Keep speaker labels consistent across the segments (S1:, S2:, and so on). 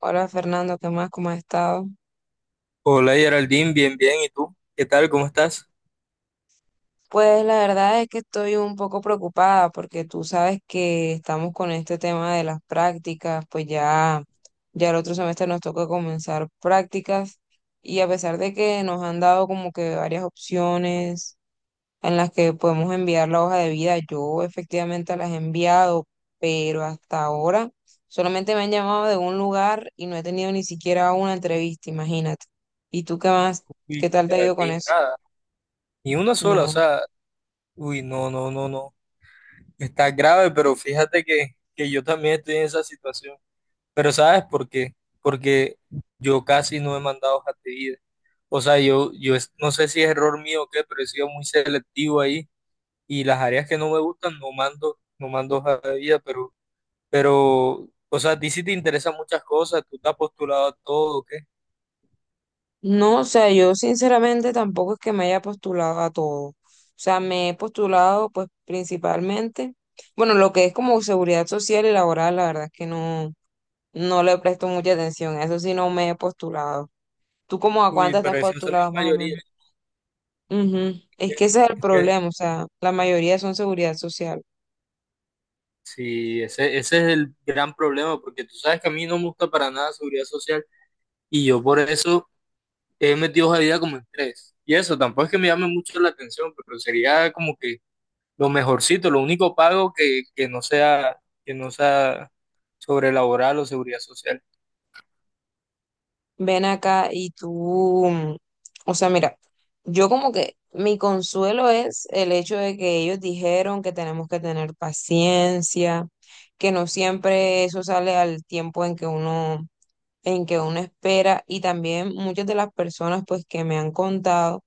S1: Hola Fernando, ¿qué más? ¿Cómo has estado?
S2: Hola Geraldine, bien, bien. ¿Y tú? ¿Qué tal? ¿Cómo estás?
S1: Pues la verdad es que estoy un poco preocupada porque tú sabes que estamos con este tema de las prácticas, pues ya el otro semestre nos toca comenzar prácticas y a pesar de que nos han dado como que varias opciones en las que podemos enviar la hoja de vida, yo efectivamente las he enviado, pero hasta ahora solamente me han llamado de un lugar y no he tenido ni siquiera una entrevista, imagínate. ¿Y tú qué más? ¿Qué
S2: Uy,
S1: tal te ha ido con
S2: Geraldine,
S1: eso?
S2: nada. Ni una sola, o
S1: No,
S2: sea, uy, no, no, no, no. Está grave, pero fíjate que yo también estoy en esa situación. Pero ¿sabes por qué? Porque yo casi no he mandado hojas de vida. O sea, yo no sé si es error mío o qué, pero he sido muy selectivo ahí. Y las áreas que no me gustan no mando, no mando hojas de vida, pero, o sea, a ti sí te interesan muchas cosas, tú te has postulado a todo, ¿o qué?
S1: no, o sea, yo sinceramente tampoco es que me haya postulado a todo. O sea, me he postulado pues principalmente, bueno, lo que es como seguridad social y laboral, la verdad es que no, no le presto mucha atención, a eso sí no me he postulado. ¿Tú como a
S2: Uy,
S1: cuántas te
S2: pero
S1: has
S2: eso es la
S1: postulado más o
S2: mayoría.
S1: menos? Ujú. Es que ese es el
S2: Es que
S1: problema, o sea, la mayoría son seguridad social.
S2: sí, ese es el gran problema, porque tú sabes que a mí no me gusta para nada seguridad social y yo por eso he metido esa vida como en tres. Y eso tampoco es que me llame mucho la atención, pero sería como que lo mejorcito, lo único pago que no sea sobre laboral o seguridad social.
S1: Ven acá y tú, o sea, mira, yo como que mi consuelo es el hecho de que ellos dijeron que tenemos que tener paciencia, que no siempre eso sale al tiempo en que uno espera y también muchas de las personas pues que me han contado,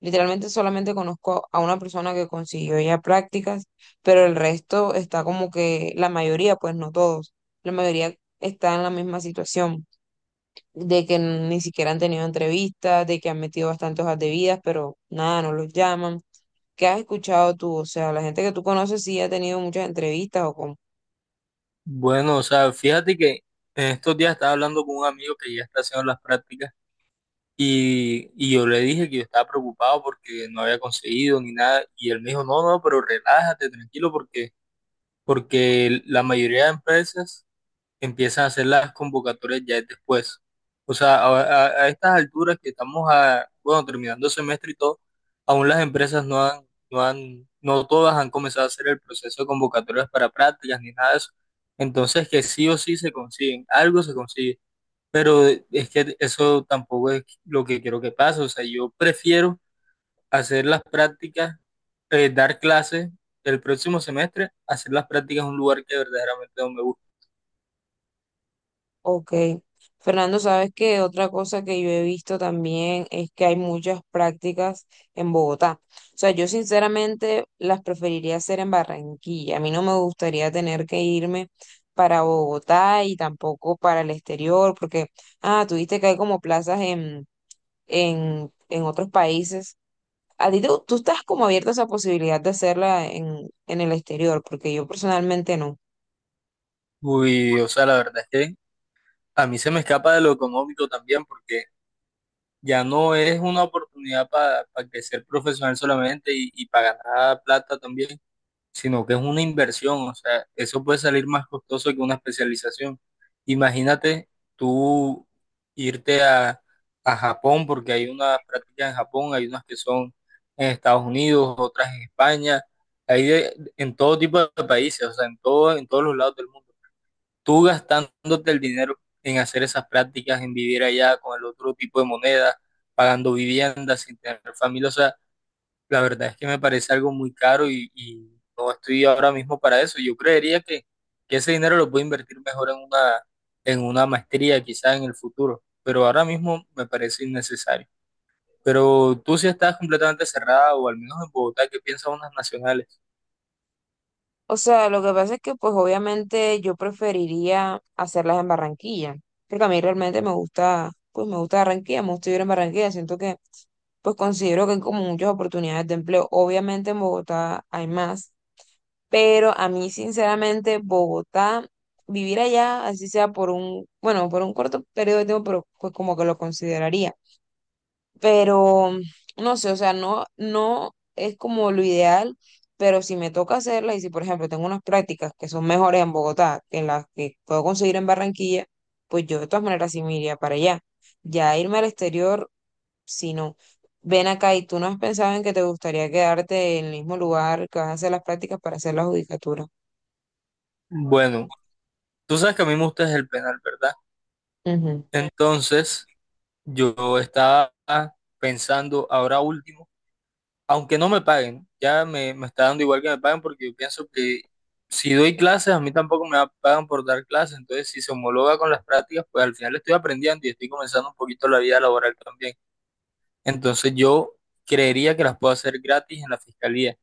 S1: literalmente solamente conozco a una persona que consiguió ya prácticas, pero el resto está como que la mayoría, pues no todos, la mayoría está en la misma situación de que ni siquiera han tenido entrevistas, de que han metido bastantes hojas de vidas, pero nada, no los llaman. ¿Qué has escuchado tú? O sea, la gente que tú conoces sí ha tenido muchas entrevistas o con...
S2: Bueno, o sea, fíjate que en estos días estaba hablando con un amigo que ya está haciendo las prácticas. Y yo le dije que yo estaba preocupado porque no había conseguido ni nada. Y él me dijo, no, no, pero relájate, tranquilo, porque la mayoría de empresas empiezan a hacer las convocatorias ya después. O sea, a estas alturas que estamos a, bueno, terminando el semestre y todo, aún las empresas no todas han comenzado a hacer el proceso de convocatorias para prácticas ni nada de eso. Entonces, que sí o sí se consiguen, algo se consigue. Pero es que eso tampoco es lo que quiero que pase. O sea, yo prefiero hacer las prácticas, dar clases el próximo semestre, hacer las prácticas en un lugar que verdaderamente no me gusta.
S1: Ok. Fernando, ¿sabes que otra cosa que yo he visto también es que hay muchas prácticas en Bogotá? O sea, yo sinceramente las preferiría hacer en Barranquilla. A mí no me gustaría tener que irme para Bogotá y tampoco para el exterior, porque, ah, tuviste que hay como plazas en en otros países. Tú estás como abierta a esa posibilidad de hacerla en el exterior, porque yo personalmente no.
S2: Uy, o sea, la verdad es que a mí se me escapa de lo económico también, porque ya no es una oportunidad para crecer profesional solamente y para ganar plata también, sino que es una inversión, o sea, eso puede salir más costoso que una especialización. Imagínate tú irte a Japón, porque hay unas prácticas en Japón, hay unas que son en Estados Unidos, otras en España, hay en todo tipo de países, o sea, en todo, en todos los lados del mundo. Tú gastándote el dinero en hacer esas prácticas, en vivir allá con el otro tipo de moneda, pagando viviendas sin tener familia, o sea, la verdad es que me parece algo muy caro y no estoy ahora mismo para eso. Yo creería que ese dinero lo puedo invertir mejor en una maestría, quizás en el futuro, pero ahora mismo me parece innecesario. Pero tú sí estás completamente cerrada, o al menos en Bogotá, ¿qué piensan unas nacionales?
S1: O sea, lo que pasa es que pues obviamente yo preferiría hacerlas en Barranquilla, porque a mí realmente me gusta, pues me gusta Barranquilla, me gusta vivir en Barranquilla, siento que pues considero que hay como muchas oportunidades de empleo. Obviamente en Bogotá hay más, pero a mí sinceramente Bogotá, vivir allá, así sea por un, bueno, por un corto periodo de tiempo, pero pues como que lo consideraría, pero no sé, o sea, no, no es como lo ideal, pero si me toca hacerlas y si, por ejemplo, tengo unas prácticas que son mejores en Bogotá que en las que puedo conseguir en Barranquilla, pues yo de todas maneras sí me iría para allá. Ya irme al exterior, si no. Ven acá y tú no has pensado en que te gustaría quedarte en el mismo lugar que vas a hacer las prácticas para hacer la judicatura.
S2: Bueno, tú sabes que a mí me gusta es el penal, ¿verdad?
S1: Ujú.
S2: Entonces, yo estaba pensando ahora último, aunque no me paguen, ya me está dando igual que me paguen porque yo pienso que si doy clases, a mí tampoco me pagan por dar clases, entonces si se homologa con las prácticas, pues al final estoy aprendiendo y estoy comenzando un poquito la vida laboral también. Entonces yo creería que las puedo hacer gratis en la fiscalía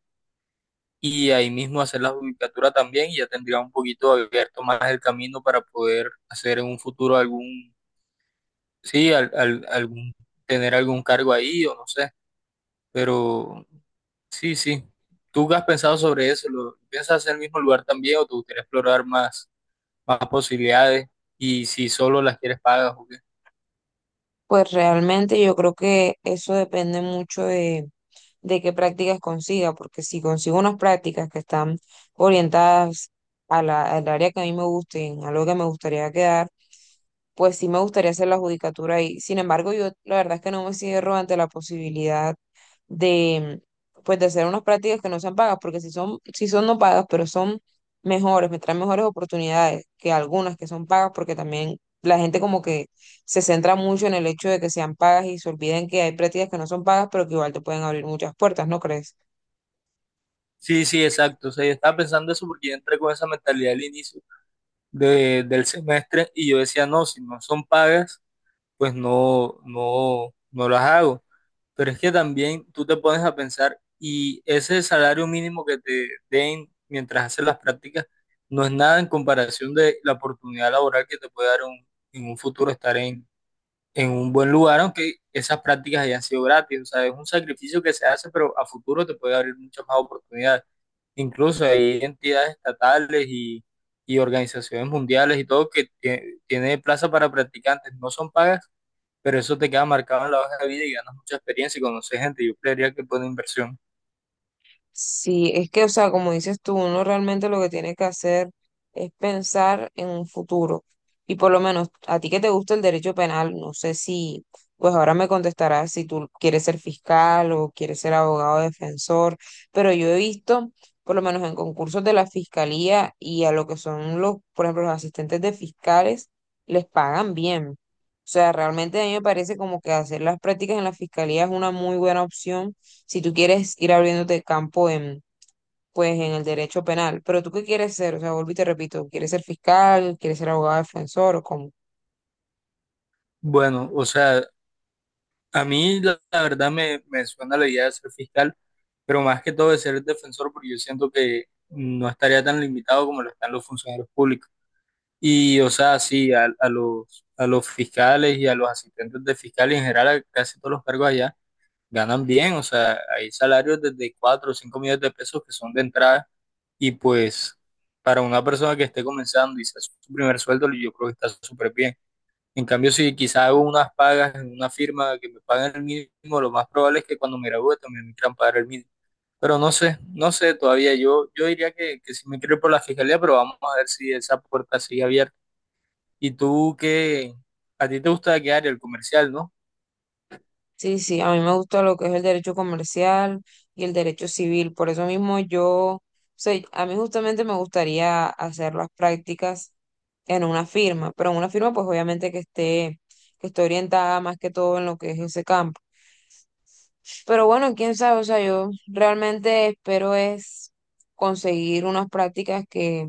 S2: y ahí mismo hacer la judicatura también y ya tendría un poquito abierto más el camino para poder hacer en un futuro algún, sí, algún, tener algún cargo ahí o no sé, pero sí, sí. ¿Tú qué has pensado sobre eso? ¿Lo piensas hacer en el mismo lugar también o te gustaría explorar más, más posibilidades? Y si solo las quieres pagas o qué.
S1: Pues realmente yo creo que eso depende mucho de qué prácticas consiga, porque si consigo unas prácticas que están orientadas a la, al área que a mí me gusten, a lo que me gustaría quedar, pues sí me gustaría hacer la judicatura ahí. Sin embargo, yo la verdad es que no me cierro ante la posibilidad de, pues, de hacer unas prácticas que no sean pagas, porque si son no pagas, pero son mejores, me traen mejores oportunidades que algunas que son pagas, porque también la gente como que se centra mucho en el hecho de que sean pagas y se olviden que hay prácticas que no son pagas, pero que igual te pueden abrir muchas puertas, ¿no crees?
S2: Sí, sí, exacto. O sea, yo estaba pensando eso porque yo entré con esa mentalidad al inicio del semestre y yo decía, no, si no son pagas, pues no, no, no las hago. Pero es que también tú te pones a pensar y ese salario mínimo que te den mientras haces las prácticas no es nada en comparación de la oportunidad laboral que te puede dar un, en un futuro estar en un buen lugar, aunque esas prácticas hayan sido gratis. O sea, es un sacrificio que se hace, pero a futuro te puede abrir muchas más oportunidades. Incluso hay entidades estatales y organizaciones mundiales y todo que tiene plaza para practicantes. No son pagas, pero eso te queda marcado en la hoja de vida y ganas mucha experiencia y conoces gente. Yo creería que es buena inversión.
S1: Sí, es que, o sea, como dices tú, uno realmente lo que tiene que hacer es pensar en un futuro. Y por lo menos a ti que te gusta el derecho penal, no sé si, pues ahora me contestarás si tú quieres ser fiscal o quieres ser abogado defensor, pero yo he visto, por lo menos en concursos de la fiscalía y a lo que son los, por ejemplo, los asistentes de fiscales, les pagan bien. O sea, realmente a mí me parece como que hacer las prácticas en la fiscalía es una muy buena opción si tú quieres ir abriéndote campo en, pues, en el derecho penal. Pero tú qué quieres ser, o sea, vuelvo y te repito, ¿quieres ser fiscal? ¿Quieres ser abogado defensor o cómo?
S2: Bueno, o sea, a mí la verdad me suena la idea de ser fiscal, pero más que todo de ser defensor, porque yo siento que no estaría tan limitado como lo están los funcionarios públicos. Y, o sea, sí, a a los fiscales y a los asistentes de fiscales en general, a casi todos los cargos allá, ganan bien, o sea, hay salarios desde 4 o 5 millones de pesos que son de entrada. Y pues para una persona que esté comenzando y sea su primer sueldo, yo creo que está súper bien. En cambio, si quizá hago unas pagas en una firma que me paguen el mínimo, lo más probable es que cuando me gradúe también me quieran pagar el mínimo. Pero no sé, no sé todavía. Yo diría que si me quiero ir por la fiscalía, pero vamos a ver si esa puerta sigue abierta. ¿Y tú qué? ¿A ti te gusta qué área? El comercial, ¿no?
S1: Sí, sí, a mí me gusta lo que es el derecho comercial y el derecho civil. Por eso mismo yo, o sea, a mí justamente me gustaría hacer las prácticas en una firma, pero en una firma pues obviamente que esté orientada más que todo en lo que es ese campo. Pero bueno, quién sabe, o sea, yo realmente espero es conseguir unas prácticas que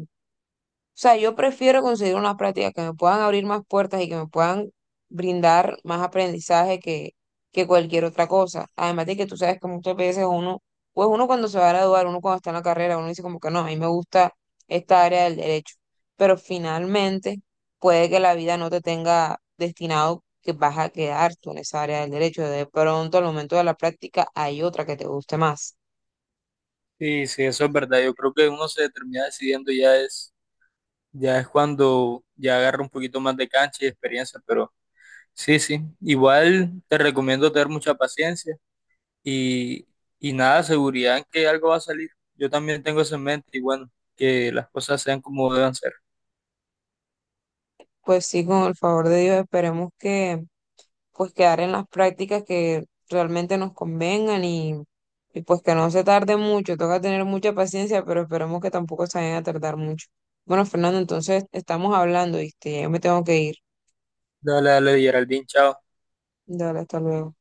S1: o sea, yo prefiero conseguir unas prácticas que me puedan abrir más puertas y que me puedan brindar más aprendizaje que cualquier otra cosa. Además de que tú sabes que muchas veces uno, pues uno cuando se va a graduar, uno cuando está en la carrera, uno dice como que no, a mí me gusta esta área del derecho. Pero finalmente puede que la vida no te tenga destinado que vas a quedar tú en esa área del derecho. De pronto, al momento de la práctica, hay otra que te guste más.
S2: Sí, sí, eso es verdad. Yo creo que uno se termina decidiendo ya es cuando ya agarra un poquito más de cancha y experiencia, pero sí, sí. Igual te recomiendo tener mucha paciencia y, y nada, seguridad en que algo va a salir. Yo también tengo eso en mente y bueno, que las cosas sean como deban ser.
S1: Pues sí, con el favor de Dios, esperemos que pues quedar en las prácticas que realmente nos convengan y pues que no se tarde mucho, toca tener mucha paciencia, pero esperemos que tampoco se vayan a tardar mucho. Bueno, Fernando, entonces estamos hablando, ¿viste? Ya me tengo que ir.
S2: Dale, dale, Geraldine, chao.
S1: Dale, hasta luego.